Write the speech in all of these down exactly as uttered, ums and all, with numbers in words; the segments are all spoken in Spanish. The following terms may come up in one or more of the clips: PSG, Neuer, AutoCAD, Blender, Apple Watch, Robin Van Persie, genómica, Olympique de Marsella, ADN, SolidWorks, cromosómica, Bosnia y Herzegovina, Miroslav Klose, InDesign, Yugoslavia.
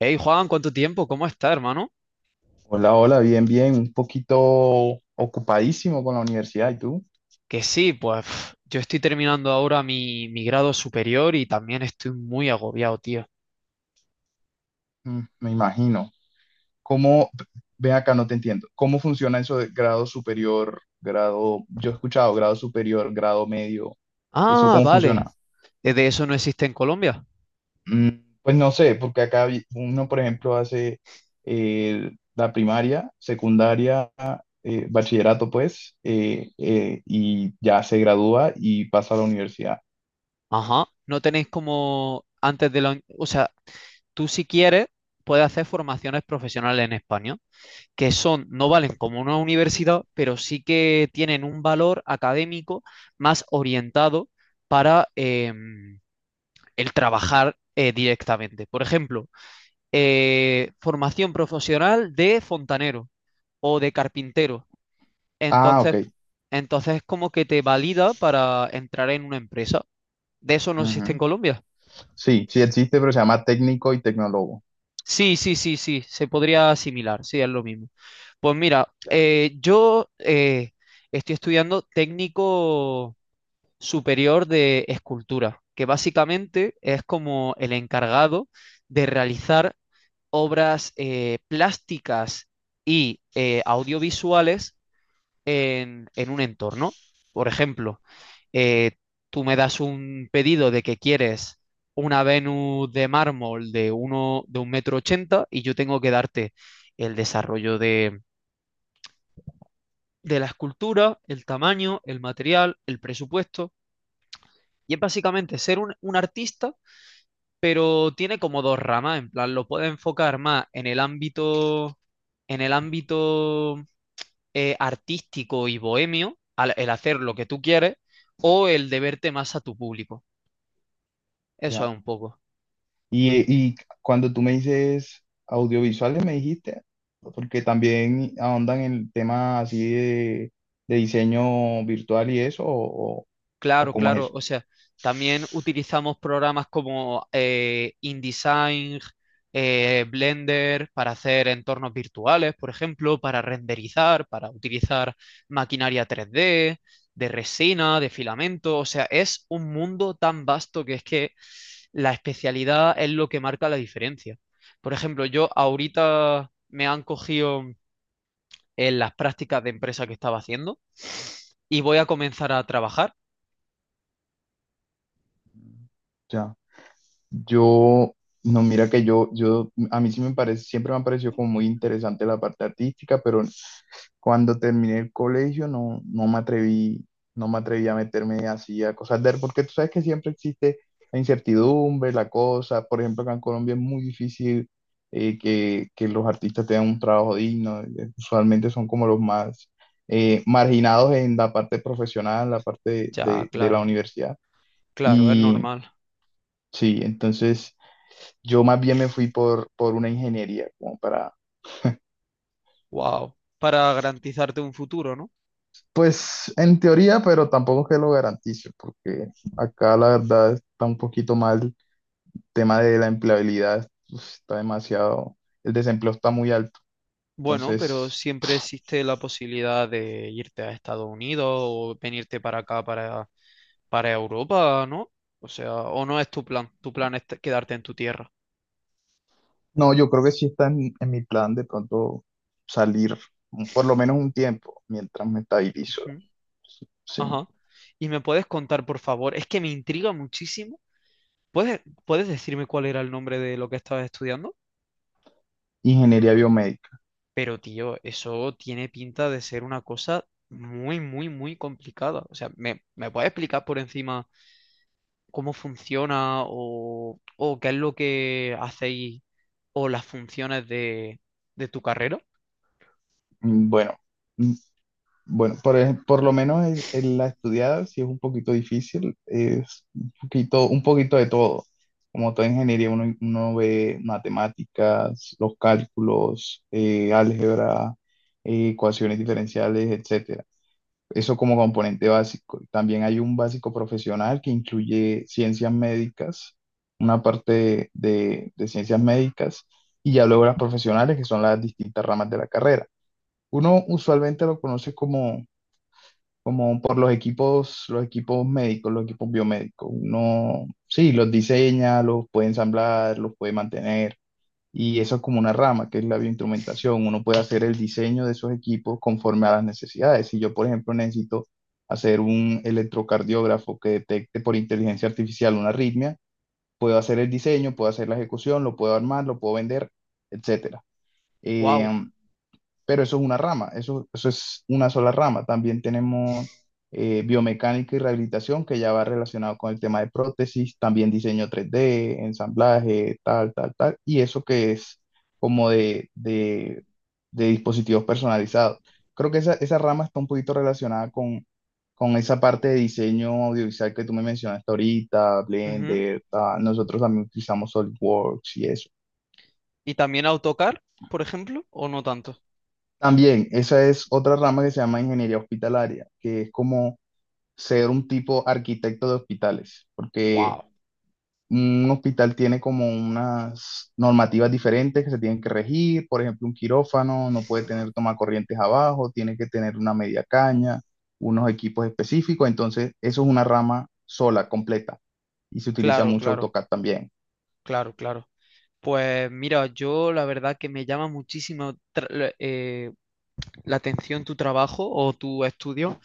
Hey Juan, ¿cuánto tiempo? ¿Cómo está, hermano? Hola, hola, bien, bien, un poquito ocupadísimo con la universidad. ¿Y tú? Que sí, pues pf, yo estoy terminando ahora mi, mi grado superior y también estoy muy agobiado, tío. Mm, me imagino. ¿Cómo, ven acá, no te entiendo. ¿Cómo funciona eso de grado superior, grado? Yo he escuchado grado superior, grado medio. ¿Eso Ah, cómo vale. funciona? Eh, ¿De eso no existe en Colombia? Mm, pues no sé, porque acá vi- uno, por ejemplo, hace eh, la primaria, secundaria, eh, bachillerato, pues, eh, eh, y ya se gradúa y pasa a la universidad. Ajá. No tenéis como antes de la... uni- O sea, tú si quieres puedes hacer formaciones profesionales en España, que son, no valen como una universidad, pero sí que tienen un valor académico más orientado para em, el trabajar eh, directamente. Por ejemplo, eh, formación profesional de fontanero o de carpintero. Ah, ok. Entonces, entonces como que te valida para entrar en una empresa. ¿De eso no existe en Colombia? Sí, sí existe, pero se llama técnico y tecnólogo. Sí, sí, sí, sí, se podría asimilar, sí, es lo mismo. Pues mira, Ya, eh, yo eh, estoy estudiando técnico superior de escultura, que básicamente es como el encargado de realizar obras eh, plásticas y eh, audiovisuales en, en, un entorno. Por ejemplo, eh, tú me das un pedido de que quieres una Venus de mármol de, uno, de un metro ochenta y yo tengo que darte el desarrollo de, de la escultura, el tamaño, el material, el presupuesto. Y es básicamente ser un, un artista, pero tiene como dos ramas. En plan, lo puede enfocar más en el ámbito, en el ámbito eh, artístico y bohemio, al- el hacer lo que tú quieres, o el deberte más a tu público. Eso es ya. un poco. Y, y cuando tú me dices audiovisuales, me dijiste, porque también ahondan en el tema así de, de diseño virtual y eso, o, o- o Claro, cómo es claro. eso. O sea, también utilizamos programas como eh, InDesign, eh, Blender para hacer entornos virtuales, por ejemplo, para renderizar, para utilizar maquinaria tres D, de resina, de filamento. O sea, es un mundo tan vasto que es que la especialidad es lo que marca la diferencia. Por ejemplo, yo ahorita me han cogido en las prácticas de empresa que estaba haciendo y voy a comenzar a trabajar. Ya. Yo, no, mira que yo, yo, a mí sí me parece, siempre me ha parecido como muy interesante la parte artística, pero cuando terminé el colegio no, no me atreví, no me atreví a meterme así a cosas de, porque tú sabes que siempre existe la incertidumbre, la cosa. Por ejemplo, acá en Colombia es muy difícil, eh, que, que los artistas tengan un trabajo digno. eh, Usualmente son como los más eh, marginados en la parte profesional, la parte de, Ya, de- de la claro. universidad. Claro, es Y normal. sí, entonces yo más bien me fui por, por una ingeniería, como para. Wow. Para garantizarte un futuro, ¿no? Pues en teoría, pero tampoco que lo garantice, porque acá la verdad está un poquito mal el tema de la empleabilidad, pues, está demasiado, el desempleo está muy alto. Bueno, pero Entonces, siempre existe la posibilidad de irte a Estados Unidos o venirte para acá, para, para Europa, ¿no? O sea, o no es tu plan. Tu plan es te- quedarte en tu tierra. no, yo creo que sí está en, en mi plan de pronto salir un- por lo menos un tiempo mientras me estabilizo. Ujú. Sí. Ajá. ¿Y me puedes contar, por favor? Es que me intriga muchísimo. ¿Puedes, puedes decirme cuál era el nombre de lo que estabas estudiando? Ingeniería biomédica. Pero, tío, eso tiene pinta de ser una cosa muy, muy, muy complicada. O sea, ¿me, me puedes explicar por encima cómo funciona o, o qué es lo que hacéis o las funciones de, de tu carrera? Mm, Bueno, Bueno, por, ej- por lo menos en, en la estudiada sí es un poquito difícil, es un poquito, un poquito de todo. Como toda ingeniería, uno, uno ve matemáticas, los cálculos, eh, álgebra, eh, ecuaciones diferenciales, etcétera. Eso como componente básico. También hay un básico profesional que incluye ciencias médicas, una parte de, de ciencias médicas, y ya luego las profesionales, que son las distintas ramas de la carrera. Uno usualmente lo conoce como como por los equipos, los equipos médicos, los equipos biomédicos. Uno, sí, los diseña, los puede ensamblar, los puede mantener, y eso es como una rama, que es la bioinstrumentación. Uno puede hacer el diseño de esos equipos conforme a las necesidades. Si yo, por ejemplo, necesito hacer un electrocardiógrafo que detecte por inteligencia artificial una arritmia, puedo hacer el diseño, puedo hacer la ejecución, lo puedo armar, lo puedo vender, etcétera. Eh, Wow. pero eso es una rama, eso, eso es una sola rama. También tenemos eh, biomecánica y rehabilitación, que ya va relacionado con el tema de prótesis, también diseño tres d ensamblaje, tal, tal, tal, y eso que es como de, de, de dispositivos personalizados. Creo que esa, esa rama está un poquito relacionada con, con esa parte de diseño audiovisual que tú me mencionaste ahorita, Blender, tal. Nosotros también utilizamos SolidWorks y eso. ¿Y también AutoCAD, por ejemplo, o no tanto? También, esa es otra rama que se llama ingeniería hospitalaria, que es como ser un tipo arquitecto de hospitales, porque Wow. un hospital tiene como unas normativas diferentes que se tienen que regir, por ejemplo, un quirófano no puede tener tomacorrientes abajo, tiene que tener una media caña, unos equipos específicos, entonces eso es una rama sola, completa, y se utiliza Claro, mucho claro, AutoCAD también. claro, claro. Pues mira, yo la verdad que me llama muchísimo eh, la atención tu trabajo o tu estudio,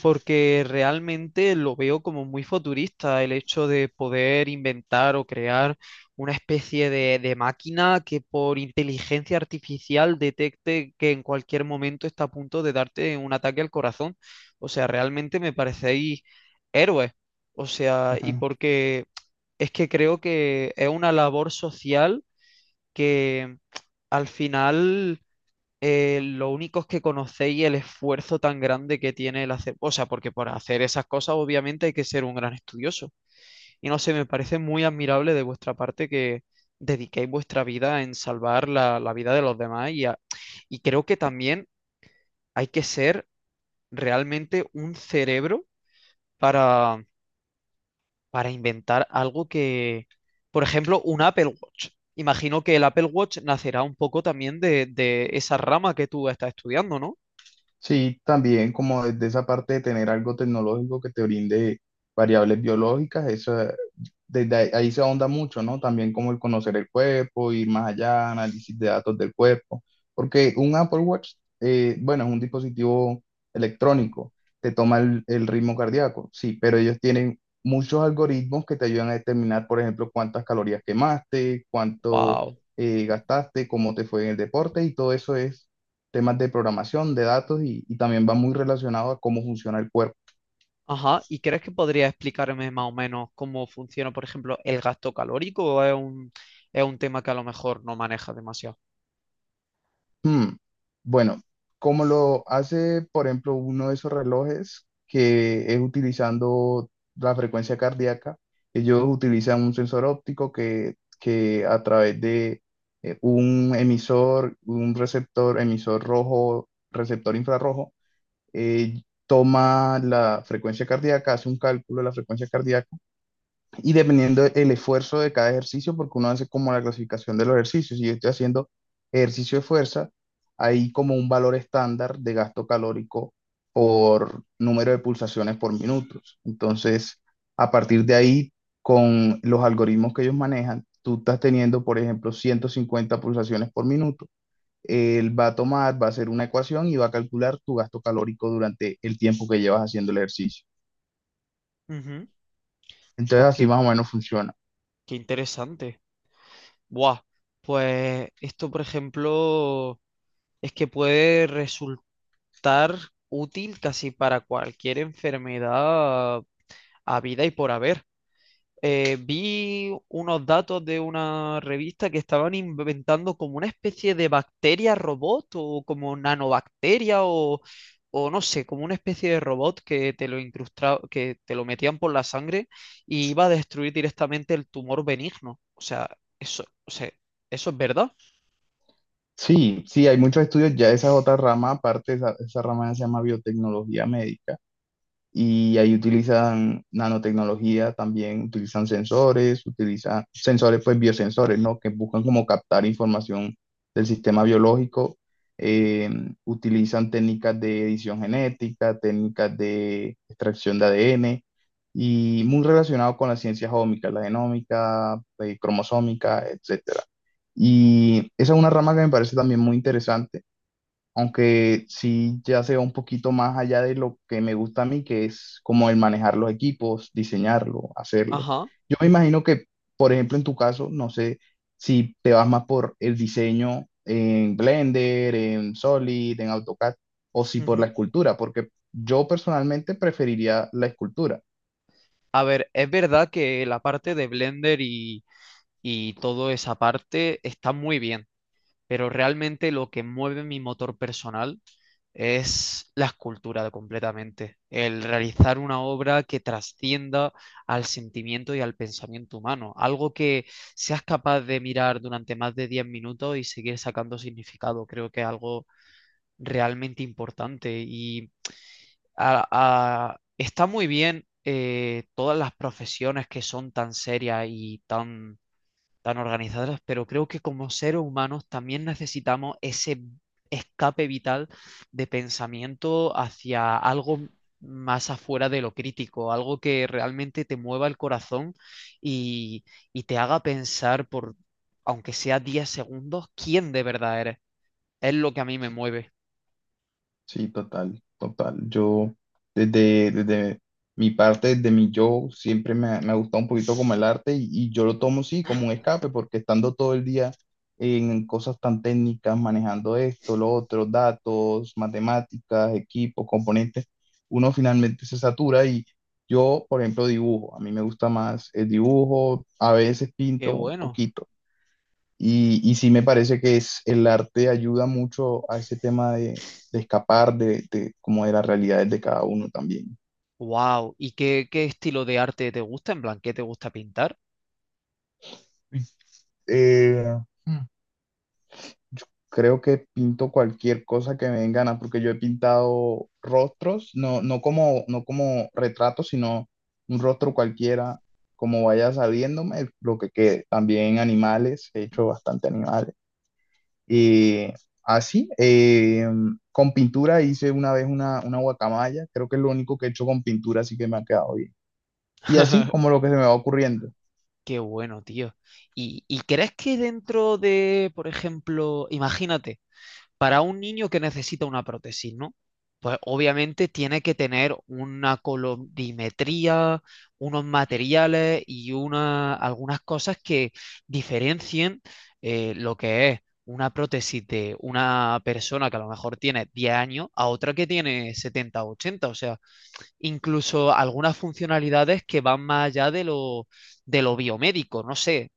porque realmente lo veo como muy futurista el hecho de poder inventar o crear una especie de, de máquina que por inteligencia artificial detecte que en cualquier momento está a punto de darte un ataque al corazón. O sea, realmente me parecéis héroes. O sea, y porque es que creo que es una labor social que al final eh, lo único es que conocéis el esfuerzo tan grande que tiene el hacer, o sea, porque para hacer esas cosas obviamente hay que ser un gran estudioso. Y no sé, me parece muy admirable de vuestra parte que dediquéis vuestra vida en salvar la, la vida de los demás y, a- y creo que también hay que ser realmente un cerebro para, para inventar algo que, por ejemplo, un Apple Watch. Imagino que el Apple Watch nacerá un poco también de, de esa rama que tú estás estudiando, ¿no? Sí, también como desde esa parte de tener algo tecnológico que te brinde variables biológicas, eso, eh, desde ahí, ahí se ahonda mucho, ¿no? También como el conocer el cuerpo, ir más allá, análisis de datos del cuerpo, porque un Apple Watch, eh, bueno, es un dispositivo electrónico, te toma el, el ritmo cardíaco, sí, pero ellos tienen muchos algoritmos que te ayudan a determinar, por ejemplo, cuántas calorías quemaste, cuánto Wow. eh, gastaste, cómo te fue en el deporte, y todo eso es temas de programación, de datos, y, y también va muy relacionado a cómo funciona el cuerpo. Ajá, ¿y crees que podría explicarme más o menos cómo funciona, por ejemplo, el gasto calórico o es un, es un tema que a lo mejor no maneja demasiado? Hmm, Bueno, Como lo hace, por ejemplo, uno de esos relojes, que es utilizando la frecuencia cardíaca. Ellos utilizan un sensor óptico que, que a través de eh, un emisor, un receptor, emisor rojo, receptor infrarrojo, eh, toma la frecuencia cardíaca, hace un cálculo de la frecuencia cardíaca, y dependiendo el esfuerzo de cada ejercicio, porque uno hace como la clasificación de los ejercicios. Si yo estoy haciendo ejercicio de fuerza, hay como un valor estándar de gasto calórico por número de pulsaciones por minutos. Entonces, a partir de ahí, con los algoritmos que ellos manejan, tú estás teniendo, por ejemplo, ciento cincuenta pulsaciones por minuto. Él va a tomar, va a hacer una ecuación y va a calcular tu gasto calórico durante el tiempo que llevas haciendo el ejercicio. Ujú. Entonces, Pues así qué, más o menos funciona. qué interesante. Buah, pues esto, por ejemplo, es que puede resultar útil casi para cualquier enfermedad a vida y por haber. eh, vi unos datos de una revista que estaban inventando como una especie de bacteria robot o como nanobacteria o, o no sé, como una especie de robot que te lo incrustaba, que te lo metían por la sangre y iba a destruir directamente el tumor benigno. O sea, eso, o sea, eso es verdad. Sí, sí, hay muchos estudios. Ya esa es otra rama, aparte esa, esa rama se llama biotecnología médica, y ahí utilizan nanotecnología también, utilizan sensores, utilizan sensores, pues biosensores, ¿no? Que buscan como captar información del sistema biológico, eh, utilizan técnicas de edición genética, técnicas de extracción de A D N, y muy relacionado con las ciencias ómicas, la genómica, eh, cromosómica, etcétera. Y esa es una rama que me parece también muy interesante, aunque sí ya se va un poquito más allá de lo que me gusta a mí, que es como el manejar los equipos, diseñarlo, hacerlo. Ajá. Yo me imagino que, por ejemplo, en tu caso, no sé si te vas más por el diseño en Blender, en Solid, en AutoCAD, o si por la ujú. escultura, porque yo personalmente preferiría la escultura. A ver, es verdad que la parte de Blender y, y toda esa parte está muy bien, pero realmente lo que mueve mi motor personal es la escultura completamente, el realizar una obra que trascienda al sentimiento y al pensamiento humano, algo que seas capaz de mirar durante más de diez minutos y seguir sacando significado, creo que es algo realmente importante y a- a- está muy bien eh, todas las profesiones que son tan serias y tan tan organizadas, pero creo que como seres humanos también necesitamos ese escape vital de pensamiento hacia algo más afuera de lo crítico, algo que realmente te mueva el corazón y, y te haga pensar por, aunque sea diez segundos, quién de verdad eres. Es lo que a mí me mueve. Sí, total, total. Yo, desde, desde mi parte, desde mi yo, siempre me, ha me ha gustado un poquito como el arte, y, y yo lo tomo, sí, como un escape, porque estando todo el día en cosas tan técnicas, manejando esto, lo otro, datos, matemáticas, equipos, componentes, uno finalmente se satura, y yo, por ejemplo, dibujo. A mí me gusta más el dibujo, a veces Qué pinto un bueno. poquito. Y, y sí me parece que es, el arte ayuda mucho a ese tema de, de escapar de, de como de las realidades de cada uno también. Wow. ¿Y qué, qué estilo de arte te gusta? ¿En plan, qué te gusta pintar? Eh, Mm. Creo que pinto cualquier cosa que me den ganas, porque yo he pintado rostros, no, no como, no como retratos, sino un rostro cualquiera, como vaya saliéndome, lo que quede. También animales, he hecho bastante animal. Eh, así, eh, con pintura hice una vez una, una guacamaya, creo que es lo único que he hecho con pintura así que me ha quedado bien. Y así como lo que se me va ocurriendo. Qué bueno, tío. ¿Y, y crees que dentro de, por ejemplo, imagínate, para un niño que necesita una prótesis, ¿no? Pues obviamente tiene que tener una colorimetría, unos materiales y una, algunas cosas que diferencien eh, lo que es una prótesis de una persona que a lo mejor tiene diez años a otra que tiene setenta o ochenta. O sea, incluso algunas funcionalidades que van más allá de lo, de lo biomédico, no sé.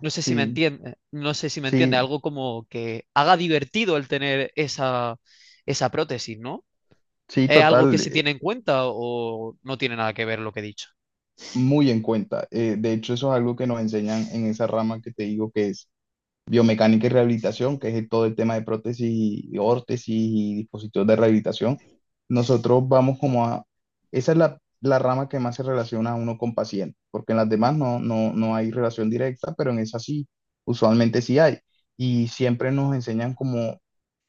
No sé si me Sí, entiende, no sé si me entiende, sí, algo como que haga divertido el tener esa, esa prótesis, ¿no? sí, ¿Es algo que total, se eh, tiene en cuenta o no tiene nada que ver lo que he dicho? muy en cuenta. Eh, de hecho, eso es algo que nos enseñan en esa rama que te digo, que es biomecánica y rehabilitación, que es todo el tema de prótesis y órtesis y dispositivos de rehabilitación. Nosotros vamos como a, esa es la, la rama que más se relaciona a uno con paciente, porque en las demás no, no, no hay relación directa, pero en esa sí, usualmente sí hay. Y siempre nos enseñan como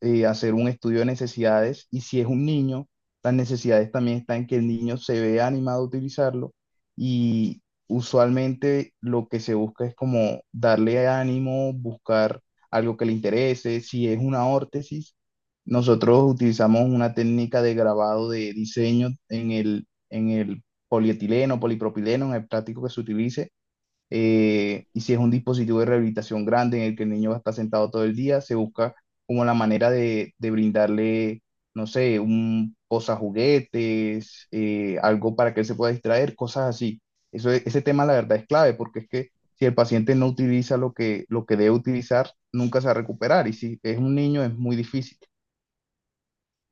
eh, hacer un estudio de necesidades, y si es un niño, las necesidades también están en que el niño se vea animado a utilizarlo, y usualmente lo que se busca es como darle ánimo, buscar algo que le interese. Si es una órtesis, nosotros utilizamos una técnica de grabado de diseño en el, en el polietileno, polipropileno, en el plástico que se utilice. Eh, y si es un dispositivo de rehabilitación grande en el que el niño va a estar sentado todo el día, se busca como la manera de, de brindarle, no sé, un posajuguetes, eh, algo para que él se pueda distraer, cosas así. Eso, es- ese tema la verdad es clave, porque es que si el paciente no utiliza lo que, lo que debe utilizar, nunca se va a recuperar, y si es un niño es muy difícil.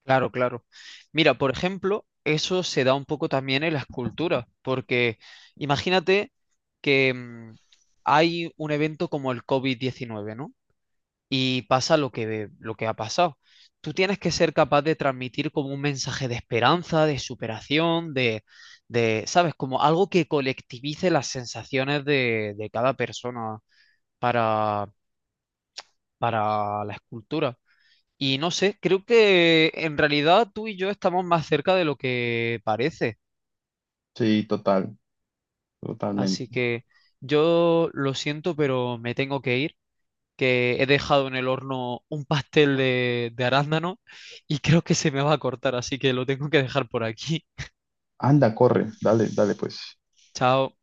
Claro, claro. Mira, por ejemplo, eso se da un poco también en la escultura, porque imagínate que mm, hay un evento como el covid diecinueve, ¿no? Y pasa lo que, lo que ha pasado. Tú tienes que ser capaz de transmitir como un mensaje de esperanza, de superación, de, de, ¿sabes? Como algo que colectivice las sensaciones de, de cada persona para, para la escultura. Y no sé, creo que en realidad tú y yo estamos más cerca de lo que parece. Sí, total, totalmente. Así que yo lo siento, pero me tengo que ir. Que he dejado en el horno un pastel de, de arándano y creo que se me va a cortar, así que lo tengo que dejar por aquí. Anda, corre, dale, dale pues. Chao.